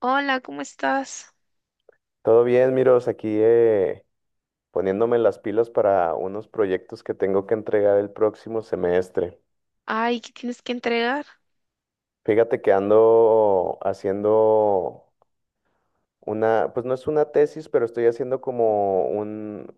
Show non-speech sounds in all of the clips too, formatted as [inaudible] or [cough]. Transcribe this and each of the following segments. Hola, ¿cómo estás? Todo bien, Miros, aquí poniéndome las pilas para unos proyectos que tengo que entregar el próximo semestre. Ay, ¿qué tienes que entregar? Fíjate que ando haciendo una, pues no es una tesis, pero estoy haciendo como un,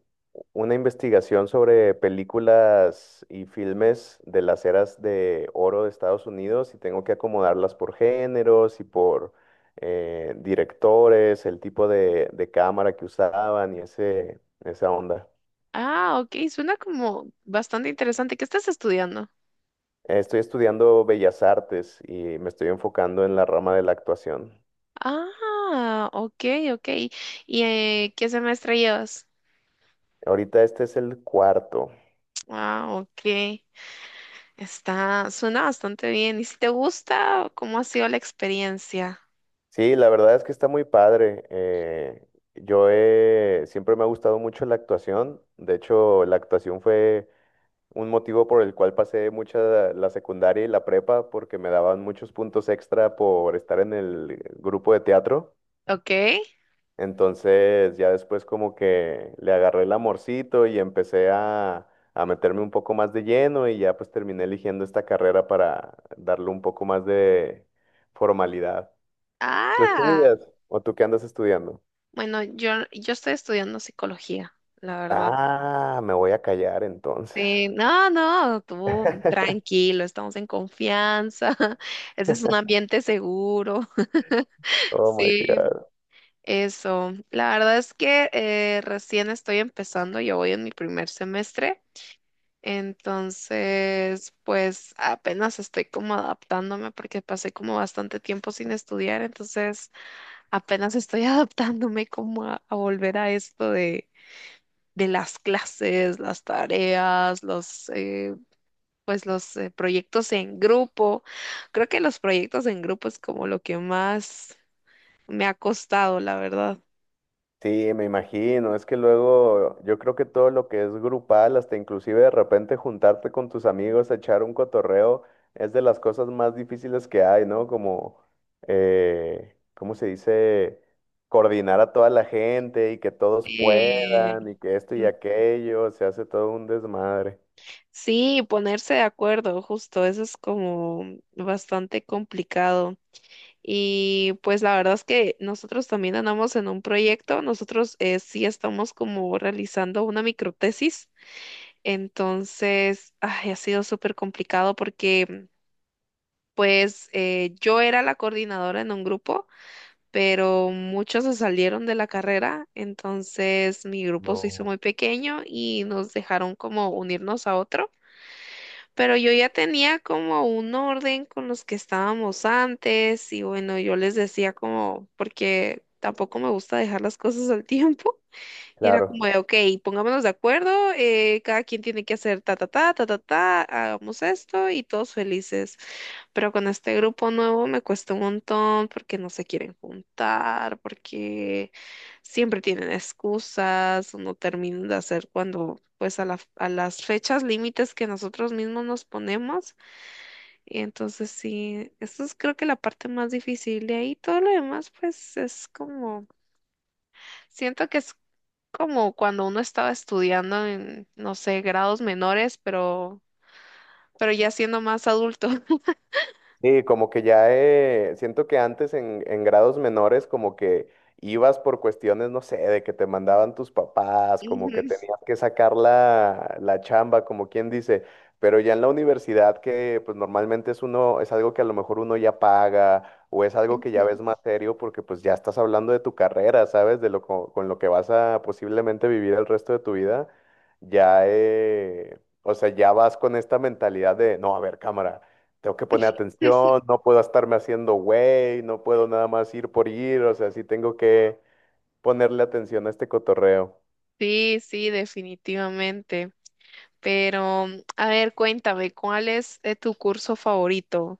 una investigación sobre películas y filmes de las eras de oro de Estados Unidos y tengo que acomodarlas por géneros y por directores, el tipo de cámara que usaban y esa onda. Ah, ok, suena como bastante interesante. ¿Qué estás estudiando? Estoy estudiando Bellas Artes y me estoy enfocando en la rama de la actuación. Ah, ok, ok. ¿Y qué semestre llevas? Ahorita este es el cuarto. Ah, ok. Está, suena bastante bien. ¿Y si te gusta, cómo ha sido la experiencia? Sí, la verdad es que está muy padre. Siempre me ha gustado mucho la actuación. De hecho, la actuación fue un motivo por el cual pasé mucha la secundaria y la prepa porque me daban muchos puntos extra por estar en el grupo de teatro. Ok. Entonces ya después como que le agarré el amorcito y empecé a meterme un poco más de lleno y ya pues terminé eligiendo esta carrera para darle un poco más de formalidad. ¿Tú Ah, estudias o tú qué andas estudiando? bueno, yo estoy estudiando psicología, la verdad. Ah, me voy a callar entonces. Sí, no, no, tú [laughs] tranquilo, estamos en confianza. [laughs] Ese es un ambiente seguro. Oh my Sí, God. eso. La verdad es que recién estoy empezando, yo voy en mi primer semestre, entonces pues apenas estoy como adaptándome porque pasé como bastante tiempo sin estudiar, entonces apenas estoy [laughs] adaptándome como a volver a esto de las clases, las tareas, los pues los proyectos en grupo. Creo que los proyectos en grupo es como lo que más me ha costado, la verdad. Sí, me imagino. Es que luego yo creo que todo lo que es grupal, hasta inclusive de repente juntarte con tus amigos, a echar un cotorreo, es de las cosas más difíciles que hay, ¿no? Como, ¿cómo se dice? Coordinar a toda la gente y que todos puedan Eh, y que esto y mm, aquello, se hace todo un desmadre. sí, ponerse de acuerdo, justo, eso es como bastante complicado. Y pues la verdad es que nosotros también andamos en un proyecto, nosotros sí estamos como realizando una microtesis, entonces ay, ha sido súper complicado porque pues yo era la coordinadora en un grupo, pero muchos se salieron de la carrera, entonces mi grupo se hizo No. muy pequeño y nos dejaron como unirnos a otro. Pero yo ya tenía como un orden con los que estábamos antes y bueno, yo les decía como, porque tampoco me gusta dejar las cosas al tiempo. Y era Claro. como de, ok, pongámonos de acuerdo, cada quien tiene que hacer ta, ta, ta, ta, ta, ta, hagamos esto y todos felices. Pero con este grupo nuevo me cuesta un montón porque no se quieren juntar, porque siempre tienen excusas o no terminan de hacer cuando, pues a las fechas límites que nosotros mismos nos ponemos. Y entonces sí, eso es creo que la parte más difícil. De ahí todo lo demás, pues es como... Siento que es como cuando uno estaba estudiando en, no sé, grados menores, pero ya siendo más adulto. Sí, como que ya siento que antes en, grados menores como que ibas por cuestiones, no sé, de que te mandaban tus [laughs] papás, como que Ujú, tenías que sacar la chamba, como quien dice, pero ya en la universidad que pues normalmente es uno, es algo que a lo mejor uno ya paga o es algo que ya ujú. ves más serio porque pues ya estás hablando de tu carrera, ¿sabes? De lo con, lo que vas a posiblemente vivir el resto de tu vida, ya o sea, ya vas con esta mentalidad de, no, a ver, cámara, tengo que poner atención, no puedo estarme haciendo güey, no puedo nada más ir por ir, o sea, sí tengo que ponerle atención a este cotorreo. Sí, sí, definitivamente. Pero, a ver, cuéntame, ¿cuál es tu curso favorito?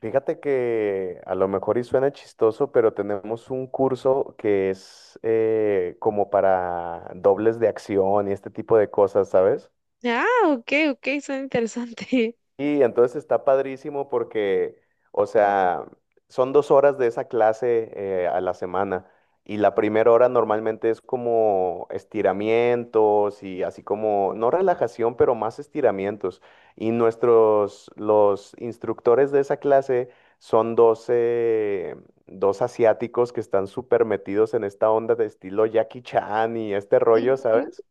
Fíjate que a lo mejor y suena chistoso, pero tenemos un curso que es como para dobles de acción y este tipo de cosas, ¿sabes? Ah, ok, ok, suena interesante. Y entonces está padrísimo porque, o sea, son 2 horas de esa clase a la semana. Y la primera hora normalmente es como estiramientos y así como, no relajación, pero más estiramientos. Y nuestros, los instructores de esa clase son doce dos asiáticos que están súper metidos en esta onda de estilo Jackie Chan y este rollo, Ujú. ¿sabes?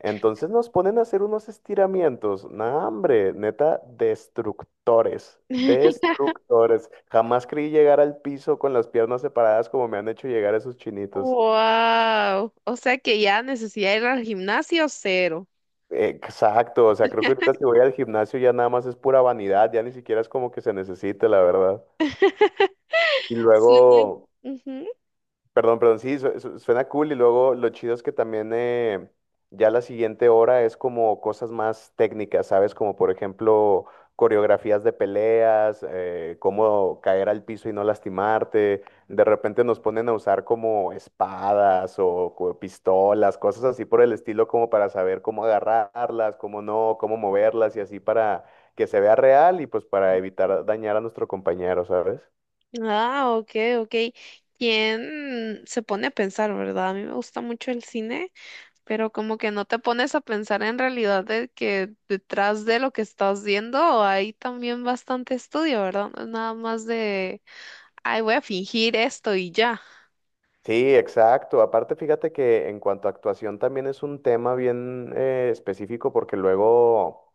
Entonces nos ponen a hacer unos estiramientos. Nah, hombre, neta, destructores. [laughs] Destructores. Jamás creí llegar al piso con las piernas separadas como me han hecho llegar esos chinitos. Wow, o sea que ya necesidad de ir al gimnasio cero. Exacto, o sea, creo que ahorita si voy al gimnasio ya nada más es pura vanidad, ya ni siquiera es como que se necesite, la verdad. Y Sí. luego, Ujú. perdón, perdón, sí, suena cool y luego lo chido es que también ya la siguiente hora es como cosas más técnicas, ¿sabes? Como por ejemplo coreografías de peleas, cómo caer al piso y no lastimarte. De repente nos ponen a usar como espadas o pistolas, cosas así por el estilo como para saber cómo agarrarlas, cómo no, cómo moverlas y así para que se vea real y pues para evitar dañar a nuestro compañero, ¿sabes? Ah, ok, ok. ¿Quién se pone a pensar, verdad? A mí me gusta mucho el cine. Pero como que no te pones a pensar en realidad de que detrás de lo que estás viendo hay también bastante estudio, ¿verdad? No es nada más de, ay, voy a fingir esto y ya. Sí, exacto. Aparte, fíjate que en cuanto a actuación también es un tema bien específico porque luego...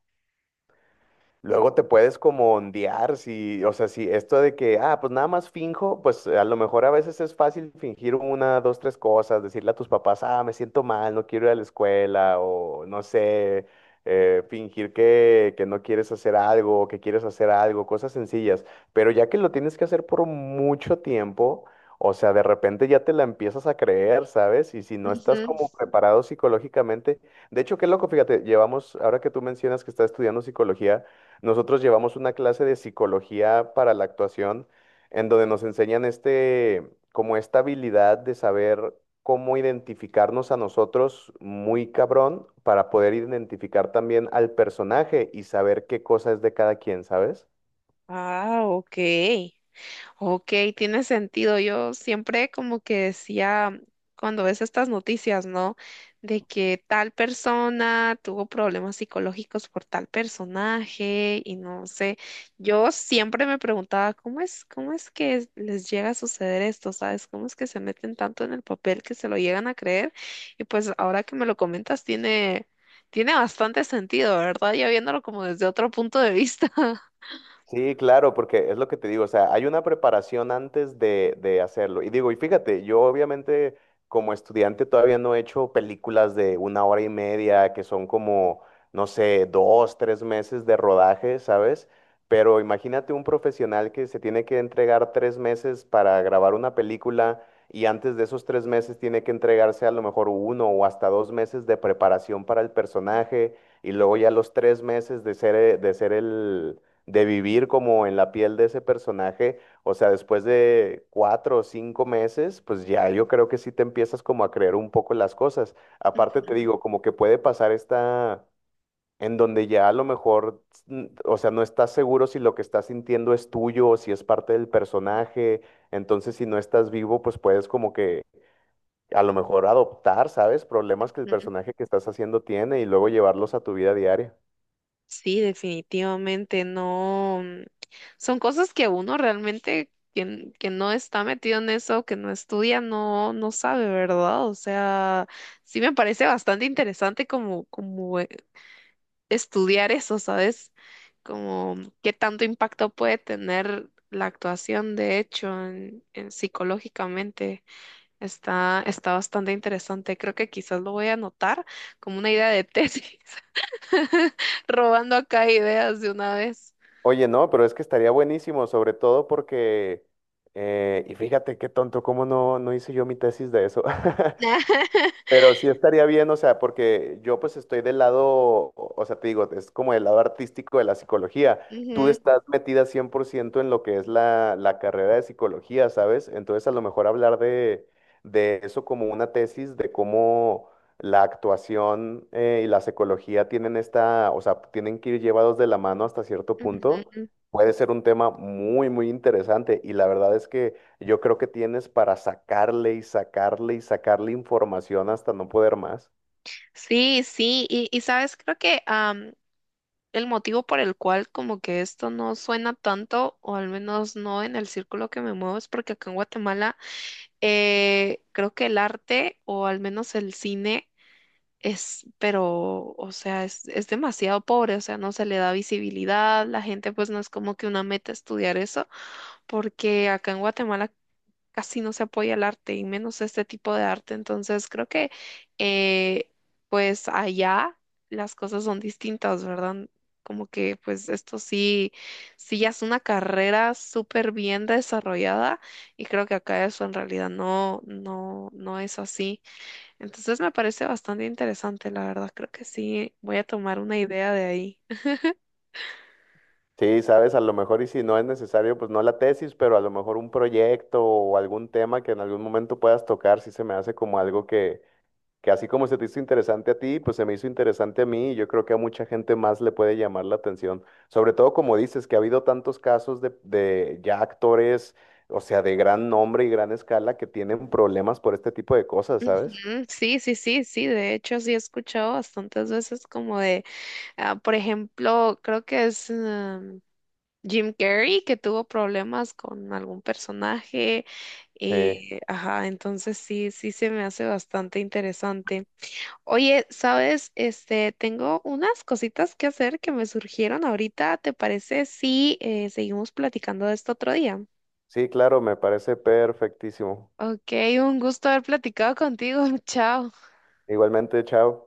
Luego te puedes como ondear, si, o sea, si esto de que, ah, pues nada más finjo, pues a lo mejor a veces es fácil fingir una, dos, tres cosas, decirle a tus papás, ah, me siento mal, no quiero ir a la escuela, o no sé, fingir que no quieres hacer algo, o que quieres hacer algo, cosas sencillas. Pero ya que lo tienes que hacer por mucho tiempo, o sea, de repente ya te la empiezas a creer, ¿sabes? Y si no estás Ujú. como preparado psicológicamente, de hecho, qué loco, fíjate, llevamos, ahora que tú mencionas que estás estudiando psicología, nosotros llevamos una clase de psicología para la actuación en donde nos enseñan este, como esta habilidad de saber cómo identificarnos a nosotros muy cabrón para poder identificar también al personaje y saber qué cosa es de cada quien, ¿sabes? Ah, ok. Ok, tiene sentido. Yo siempre como que decía, cuando ves estas noticias, ¿no? De que tal persona tuvo problemas psicológicos por tal personaje y no sé. Yo siempre me preguntaba, cómo es que les llega a suceder esto? ¿Sabes? ¿Cómo es que se meten tanto en el papel que se lo llegan a creer? Y pues ahora que me lo comentas, tiene, tiene bastante sentido, ¿verdad? Ya viéndolo como desde otro punto de vista. Sí, claro, porque es lo que te digo, o sea, hay una preparación antes de hacerlo. Y digo, y fíjate, yo obviamente como estudiante todavía no he hecho películas de una hora y media, que son como, no sé, dos, tres meses de rodaje, ¿sabes? Pero imagínate un profesional que se tiene que entregar 3 meses para grabar una película y antes de esos 3 meses tiene que entregarse a lo mejor uno o hasta 2 meses de preparación para el personaje y luego ya los 3 meses de ser el de vivir como en la piel de ese personaje, o sea, después de cuatro o cinco meses, pues ya yo creo que sí te empiezas como a creer un poco las cosas. Aparte te [laughs] digo, como que puede pasar esta, en donde ya a lo mejor, o sea, no estás seguro si lo que estás sintiendo es tuyo o si es parte del personaje, entonces si no estás vivo, pues puedes como que a lo mejor adoptar, ¿sabes? Problemas que el Ujú. personaje que estás haciendo tiene y luego llevarlos a tu vida diaria. Sí, definitivamente no. Son cosas que uno realmente, quien, que no está metido en eso, que no estudia, no, no sabe, ¿verdad? O sea, sí me parece bastante interesante como, como estudiar eso, ¿sabes? Como qué tanto impacto puede tener la actuación, de hecho, en psicológicamente. Está, está bastante interesante. Creo que quizás lo voy a anotar como una idea de [laughs] tesis. [laughs] Robando acá ideas de una vez. Oye, no, pero es que estaría buenísimo, sobre todo porque, y fíjate qué tonto, cómo no, no hice yo mi tesis de eso. [laughs] [laughs] Pero sí estaría bien, o sea, porque yo pues estoy del lado, o sea, te digo, es como el lado artístico de la psicología. Tú Ujú, estás metida 100% en lo que es la, la carrera de psicología, ¿sabes? Entonces a lo mejor hablar de eso como una tesis, de cómo la actuación y la psicología tienen esta, o sea, tienen que ir llevados de la mano hasta cierto punto, ujú. puede ser un tema muy, muy interesante. Y la verdad es que... Yo creo que tienes para sacarle y sacarle y sacarle información hasta no poder más. Sí, sí, y sabes, creo que el motivo por el cual como que esto no suena tanto, o al menos no en el círculo que me muevo, es porque acá en Guatemala creo que el arte, o al menos el cine, es, pero, o sea, es demasiado pobre, o sea, no se le da visibilidad, la gente pues no es como que una meta estudiar eso porque acá en Guatemala casi no se apoya el arte y menos este tipo de arte. Entonces creo que eh, pues allá las cosas son distintas, ¿verdad? Como que pues esto sí, sí ya es una carrera súper bien desarrollada y creo que acá eso en realidad no, no, no es así. Entonces me parece bastante interesante, la verdad. Creo que sí, voy a tomar una idea de ahí. Sí, sabes, a lo mejor y si no es necesario, pues no la tesis, pero a lo mejor un proyecto o algún tema que en algún momento puedas tocar, sí se me hace como algo que así como se te hizo interesante a ti, pues se me hizo interesante a mí y yo creo que a mucha gente más le puede llamar la atención. Sobre todo como dices, que ha habido tantos casos de ya actores, o sea, de gran nombre y gran escala que tienen problemas por este tipo de cosas, ¿sabes? Ujú, sí, sí, sí, sí, de hecho sí he escuchado bastantes veces como de ah, por ejemplo, creo que es Jim Carrey que tuvo problemas con algún personaje. Sí. Ajá, entonces sí, sí se me hace bastante interesante. Oye, ¿sabes? Este, tengo unas cositas que hacer que me surgieron ahorita. ¿Te parece si seguimos platicando de esto otro día? Sí, claro, me parece perfectísimo. Ok, un gusto haber platicado contigo. [laughs] Chao. Igualmente, chao.